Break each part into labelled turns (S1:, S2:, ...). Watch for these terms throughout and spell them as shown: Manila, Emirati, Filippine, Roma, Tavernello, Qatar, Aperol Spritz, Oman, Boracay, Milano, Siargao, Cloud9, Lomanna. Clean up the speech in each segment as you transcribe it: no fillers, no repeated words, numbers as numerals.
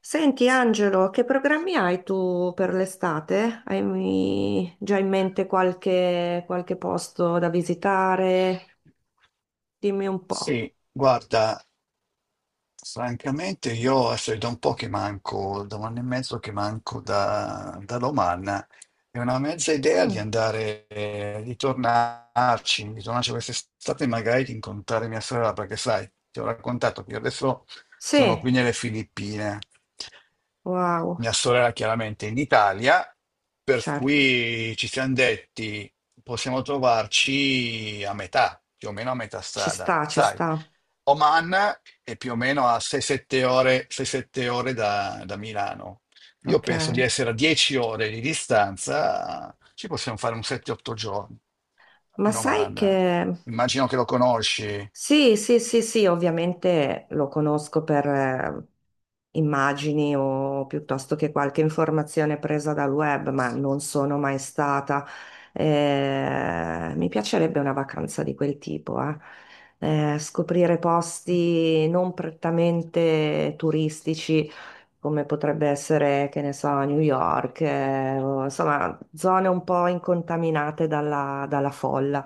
S1: Senti Angelo, che programmi hai tu per l'estate? Hai già in mente qualche posto da visitare? Dimmi un po'.
S2: Sì, guarda, francamente io adesso è da un po' che manco, da un anno e mezzo che manco da Lomanna, è una mezza idea di
S1: Mm.
S2: andare, di tornarci quest'estate e magari di incontrare mia sorella, perché sai, ti ho raccontato che io adesso sono
S1: Sì.
S2: qui nelle Filippine,
S1: Wow.
S2: mia sorella chiaramente in Italia, per
S1: Certo.
S2: cui ci siamo detti possiamo trovarci a metà, più o meno a metà
S1: Ci
S2: strada.
S1: sta, ci
S2: Sai,
S1: sta.
S2: Oman è più o meno a 6-7 ore, 6-7 ore da Milano. Io
S1: Ok,
S2: penso di essere a 10 ore di distanza, ci possiamo fare un 7-8 giorni
S1: ma
S2: in
S1: sai che.
S2: Oman. Immagino che lo conosci.
S1: Sì, sì, sì, sì, ovviamente lo conosco per immagini o piuttosto che qualche informazione presa dal web, ma non sono mai stata. Mi piacerebbe una vacanza di quel tipo, eh. Scoprire posti non prettamente turistici come potrebbe essere, che ne so, New York, insomma, zone un po' incontaminate dalla folla.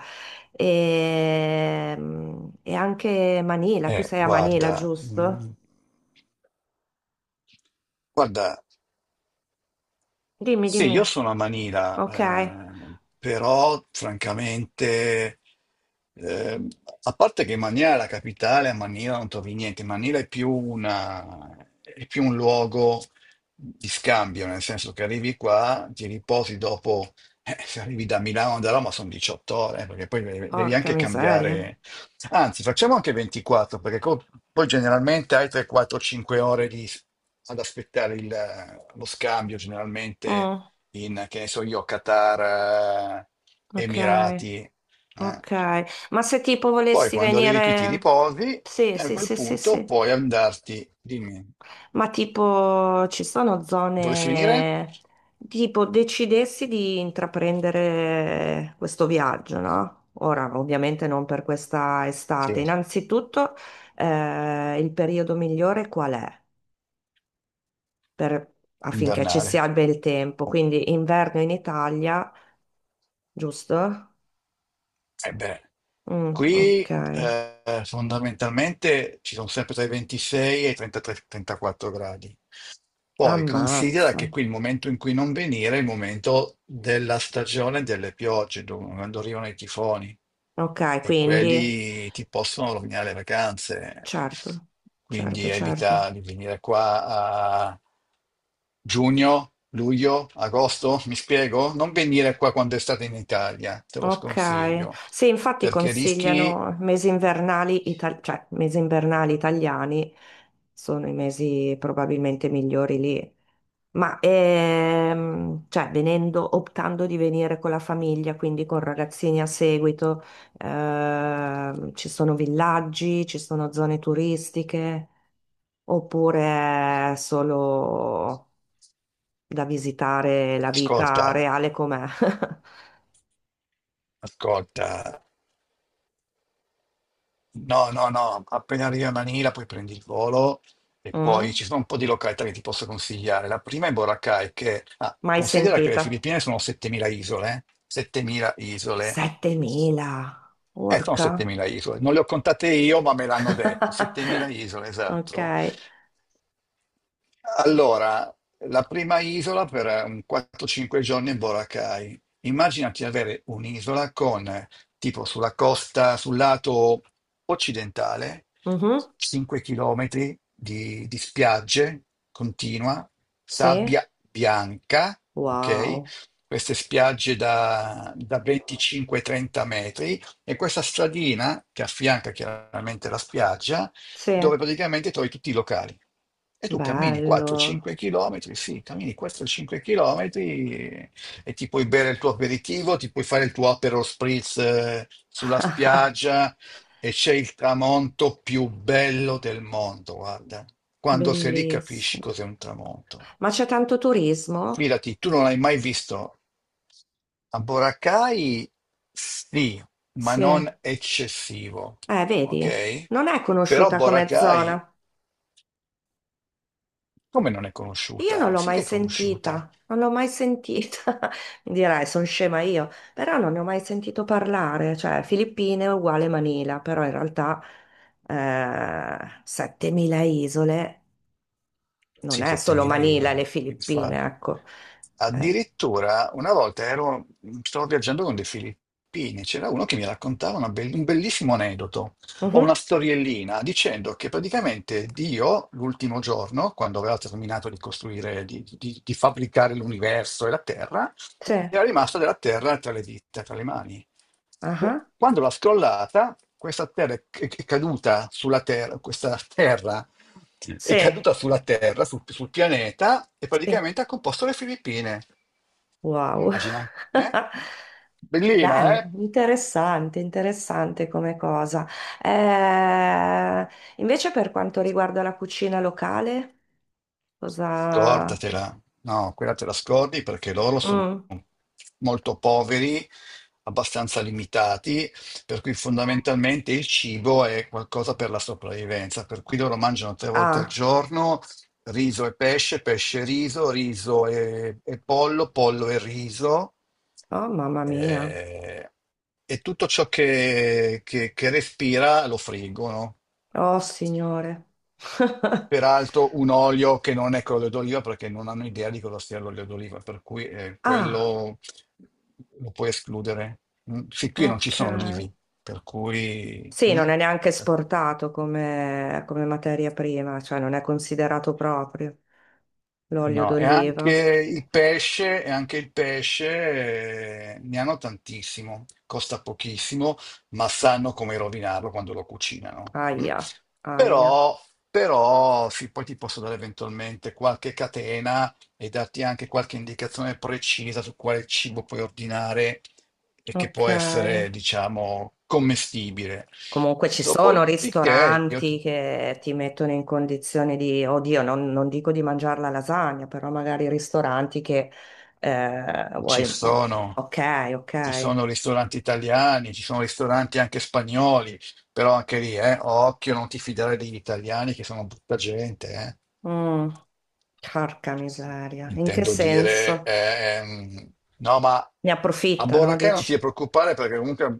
S1: E, e anche Manila, tu
S2: Eh,
S1: sei a Manila,
S2: guarda,
S1: giusto?
S2: mm, guarda.
S1: Dimmi,
S2: Sì,
S1: dimmi.
S2: io sono a Manila,
S1: Ok,
S2: però francamente, ehm, a parte che Manila è la capitale, a Manila non trovi niente, Manila è più un luogo di scambio, nel senso che arrivi qua, ti riposi dopo, se arrivi da Milano o da Roma sono 18 ore, perché poi devi
S1: porca
S2: anche
S1: miseria.
S2: cambiare. Anzi, facciamo anche 24, perché poi generalmente hai 3, 4, 5 ore ad aspettare lo scambio, generalmente
S1: Mm,
S2: in, che ne so io, Qatar,
S1: ok,
S2: Emirati. eh.
S1: ok. Ma se tipo
S2: Poi
S1: volessi
S2: quando arrivi qui ti
S1: venire.
S2: riposi
S1: Sì,
S2: e a
S1: sì,
S2: quel
S1: sì, sì,
S2: punto
S1: sì.
S2: puoi andarti, dimmi,
S1: Ma tipo, ci sono
S2: volessi venire?
S1: zone, tipo, decidessi di intraprendere questo viaggio, no? Ora, ovviamente non per questa estate.
S2: Sì,
S1: Innanzitutto, il periodo migliore qual è? Per- affinché ci
S2: invernale.
S1: sia il bel tempo. Quindi inverno in Italia, giusto?
S2: E beh.
S1: Mm, ok.
S2: Qui fondamentalmente ci sono sempre tra i 26 e i 33-34 gradi. Poi considera
S1: Ammazza.
S2: che qui il momento in cui non venire è il momento della stagione delle piogge, quando arrivano i tifoni
S1: Ok,
S2: e
S1: quindi,
S2: quelli ti possono rovinare le vacanze.
S1: certo, certo,
S2: Quindi
S1: certo.
S2: evita di venire qua a giugno, luglio, agosto, mi spiego? Non venire qua quando è estate in Italia, te lo
S1: Ok,
S2: sconsiglio,
S1: sì, infatti
S2: perché rischi,
S1: consigliano mesi invernali, cioè mesi invernali italiani sono i mesi probabilmente migliori lì. Ma cioè, venendo, optando di venire con la famiglia, quindi con ragazzini a seguito, ci sono villaggi, ci sono zone turistiche, oppure è solo da visitare la vita
S2: ascolta,
S1: reale com'è?
S2: ascolta. No, no, no, appena arrivi a Manila poi prendi il volo e poi
S1: Mm?
S2: ci sono un po' di località che ti posso consigliare. La prima è Boracay, che
S1: Mai
S2: considera che le
S1: sentita?
S2: Filippine sono 7.000 isole, 7.000 isole.
S1: 7.000,
S2: Sono
S1: orca.
S2: 7.000 isole, non le ho contate io, ma me l'hanno detto, 7.000 isole,
S1: Ok.
S2: esatto. Allora, la prima isola per un 4-5 giorni è Boracay. Immaginati avere un'isola con, tipo sulla costa, sul lato occidentale,
S1: Mhm.
S2: 5 km di spiagge continua,
S1: Sì.
S2: sabbia bianca, ok?
S1: Wow.
S2: Queste spiagge da 25-30 metri e questa stradina che affianca chiaramente la spiaggia
S1: Sì.
S2: dove praticamente trovi tutti i locali. E tu cammini
S1: Bello.
S2: 4-5 km, sì, cammini 4-5 km e ti puoi bere il tuo aperitivo, ti puoi fare il tuo Aperol Spritz sulla spiaggia e c'è il tramonto più bello del mondo, guarda. Quando sei lì capisci
S1: Bellissimo.
S2: cos'è un tramonto.
S1: Ma c'è tanto turismo?
S2: Fidati, tu non l'hai mai visto. A Boracay sì, ma
S1: Sì.
S2: non eccessivo,
S1: Vedi,
S2: ok?
S1: non è
S2: Però
S1: conosciuta come
S2: Boracay
S1: zona.
S2: Come non è
S1: Io non
S2: conosciuta?
S1: l'ho
S2: Sì
S1: mai
S2: che è conosciuta.
S1: sentita, non l'ho mai sentita. Mi dirai, sono scema io, però non ne ho mai sentito parlare. Cioè, Filippine è uguale Manila, però in realtà 7.000 isole non
S2: Sì,
S1: è solo
S2: 7.000
S1: Manila e le
S2: euro,
S1: Filippine,
S2: infatti.
S1: ecco. Eh,
S2: Addirittura una volta stavo viaggiando con dei filippini, c'era uno che mi raccontava un bellissimo aneddoto o una
S1: mhm,
S2: storiellina dicendo che praticamente Dio, l'ultimo giorno, quando aveva terminato di costruire, di fabbricare l'universo e la Terra,
S1: sì,
S2: era rimasta della Terra tra le dita, tra le mani.
S1: aha,
S2: Quando l'ha scrollata, questa Terra è caduta sulla Terra, questa Terra è
S1: sì,
S2: caduta sulla Terra, sul pianeta, e
S1: sì.
S2: praticamente ha composto le Filippine.
S1: Wow.
S2: Immagina, eh? Bellina,
S1: Bello,
S2: eh?
S1: interessante, interessante come cosa. Eh, invece per quanto riguarda la cucina locale, cosa.
S2: Scordatela, no, quella te la scordi perché loro sono
S1: Mm.
S2: molto poveri, abbastanza limitati, per cui fondamentalmente il cibo è qualcosa per la sopravvivenza, per cui loro mangiano tre volte al
S1: Ah,
S2: giorno riso e pesce, pesce e riso, riso e pollo, pollo e riso.
S1: oh mamma mia,
S2: eh, e tutto ciò che respira lo friggono.
S1: oh signore.
S2: Peraltro un olio che non è quello d'oliva perché non hanno idea di cosa sia l'olio d'oliva, per cui
S1: Ah,
S2: quello lo puoi escludere. Mm, sì, qui non ci
S1: ok.
S2: sono olivi, per cui.
S1: Sì,
S2: Mm.
S1: non è neanche esportato come materia prima, cioè non è considerato proprio l'olio
S2: No, e anche
S1: d'oliva.
S2: il pesce, e anche il pesce ne hanno tantissimo, costa pochissimo, ma sanno come rovinarlo quando lo cucinano. Mm?
S1: Aia, aia.
S2: Però, però, sì, poi ti posso dare eventualmente qualche catena e darti anche qualche indicazione precisa su quale cibo puoi ordinare e che può
S1: Ok.
S2: essere, diciamo, commestibile.
S1: Comunque ci sono
S2: Dopodiché io ti
S1: ristoranti che ti mettono in condizione di, oddio, non dico di mangiare la lasagna, però magari ristoranti che vuoi.
S2: Ci sono,
S1: Ok,
S2: ci
S1: ok.
S2: sono ristoranti italiani, ci sono ristoranti anche spagnoli, però anche lì, occhio, non ti fidare degli italiani che sono brutta gente, eh.
S1: Mm, porca miseria. In che
S2: Intendo dire,
S1: senso?
S2: no, ma
S1: Ne
S2: a
S1: approfittano,
S2: Boracay non ti
S1: dici?
S2: devi preoccupare perché comunque,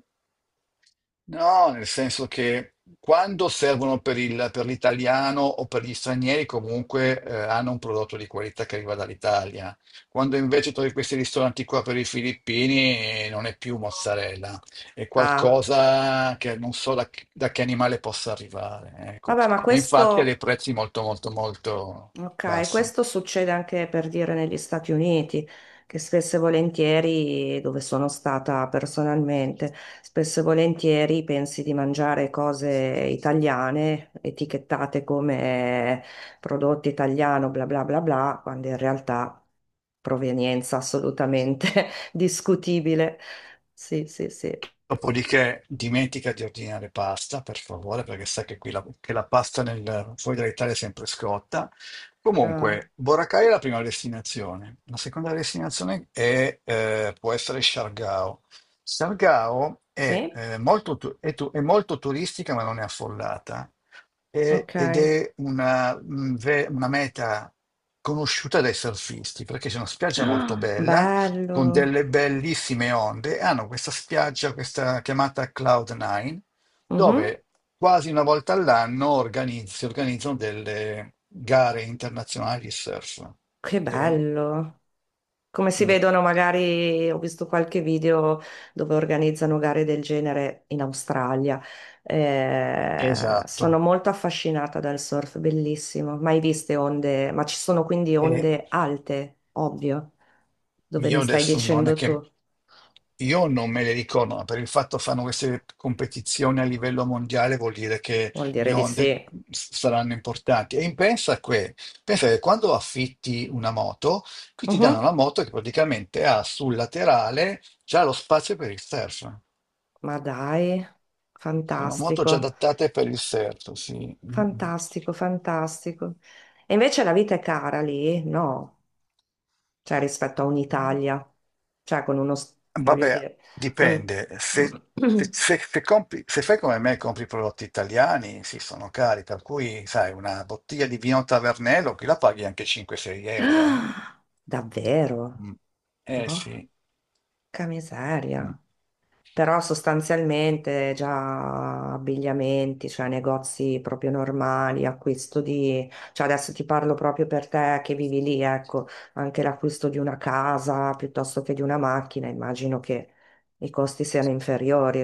S2: no, nel senso che quando servono per l'italiano o per gli stranieri comunque hanno un prodotto di qualità che arriva dall'Italia. Quando invece trovi questi ristoranti qua per i filippini non è più mozzarella, è
S1: Ah,
S2: qualcosa che non so che da che animale possa arrivare, ecco.
S1: vabbè, ma
S2: E infatti ha dei
S1: questo.
S2: prezzi molto, molto, molto
S1: Ok,
S2: bassi.
S1: questo succede anche per dire negli Stati Uniti, che spesso e volentieri, dove sono stata personalmente, spesso e volentieri pensi di mangiare cose italiane, etichettate come prodotto italiano, bla bla bla bla, quando in realtà provenienza assolutamente discutibile. Sì, sì, sì.
S2: Dopodiché dimentica di ordinare pasta, per favore, perché sa che qui che la pasta fuori dall'Italia è sempre scotta.
S1: Ah,
S2: Comunque, Boracay è la prima destinazione. La seconda destinazione è, può essere Siargao. Siargao è,
S1: sì?
S2: eh, molto, tu- è tu- è molto turistica, ma non è affollata,
S1: Ok.
S2: ed è una, una meta conosciuta dai surfisti, perché c'è una spiaggia molto
S1: Ah,
S2: bella con
S1: bello.
S2: delle bellissime onde, e hanno questa spiaggia, questa chiamata Cloud9,
S1: Mhm.
S2: dove quasi una volta all'anno si organizzano delle gare internazionali di surf.
S1: Che
S2: Ok?
S1: bello. Come si
S2: Mm.
S1: vedono, magari ho visto qualche video dove organizzano gare del genere in Australia. Eh,
S2: Esatto.
S1: sono molto affascinata dal surf, bellissimo. Mai viste onde, ma ci sono quindi onde alte, ovvio, dove
S2: Io
S1: mi stai
S2: adesso non è
S1: dicendo
S2: che
S1: tu.
S2: io non me le ricordo, ma per il fatto che fanno queste competizioni a livello mondiale vuol dire che
S1: Vuol dire
S2: le
S1: di
S2: onde
S1: sì.
S2: saranno importanti. Pensa che quando affitti una moto, qui ti danno
S1: Mhm.
S2: una moto che praticamente ha sul laterale già lo spazio per il surf.
S1: Ma dai,
S2: Sono moto già
S1: fantastico,
S2: adattate per il surf, sì. Mm. Mm.
S1: fantastico, fantastico. E invece la vita è cara lì? No, cioè rispetto a
S2: Eh,
S1: un'Italia, cioè con uno, voglio
S2: vabbè,
S1: dire, con.
S2: dipende. Se, se- se- se compri- se fai come me e compri prodotti italiani, sì, sono cari, per cui, sai, una bottiglia di vino Tavernello, qui la paghi anche 5-6 euro, eh.
S1: Ah, davvero?
S2: Mm. Eh
S1: Porca
S2: sì. Mm.
S1: miseria. Però sostanzialmente già abbigliamenti, cioè negozi proprio normali, acquisto di, cioè adesso ti parlo proprio per te che vivi lì, ecco, anche l'acquisto di una casa piuttosto che di una macchina, immagino che i costi siano inferiori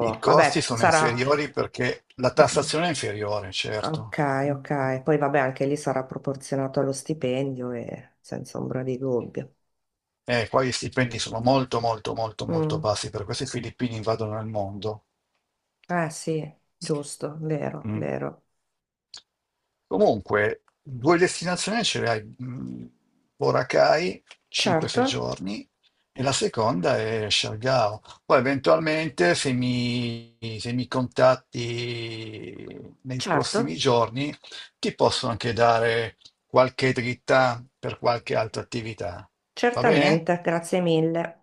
S2: I costi
S1: Vabbè,
S2: sono
S1: sarà.
S2: inferiori perché la tassazione è inferiore,
S1: Ok,
S2: certo. Mm.
S1: ok. Poi vabbè, anche lì sarà proporzionato allo stipendio e senza ombra di dubbio.
S2: Qua gli stipendi sono molto, molto, molto, molto
S1: Mm,
S2: bassi, per questo i filippini invadono il mondo.
S1: eh sì, giusto, vero,
S2: Mm.
S1: vero.
S2: Comunque, due destinazioni ce le hai, Boracay,
S1: Certo,
S2: 5-6 giorni, e la seconda è Siargao. Poi eventualmente, se mi contatti nei prossimi
S1: certo,
S2: giorni, ti posso anche dare qualche dritta per qualche altra attività. Va bene?
S1: certamente, grazie mille.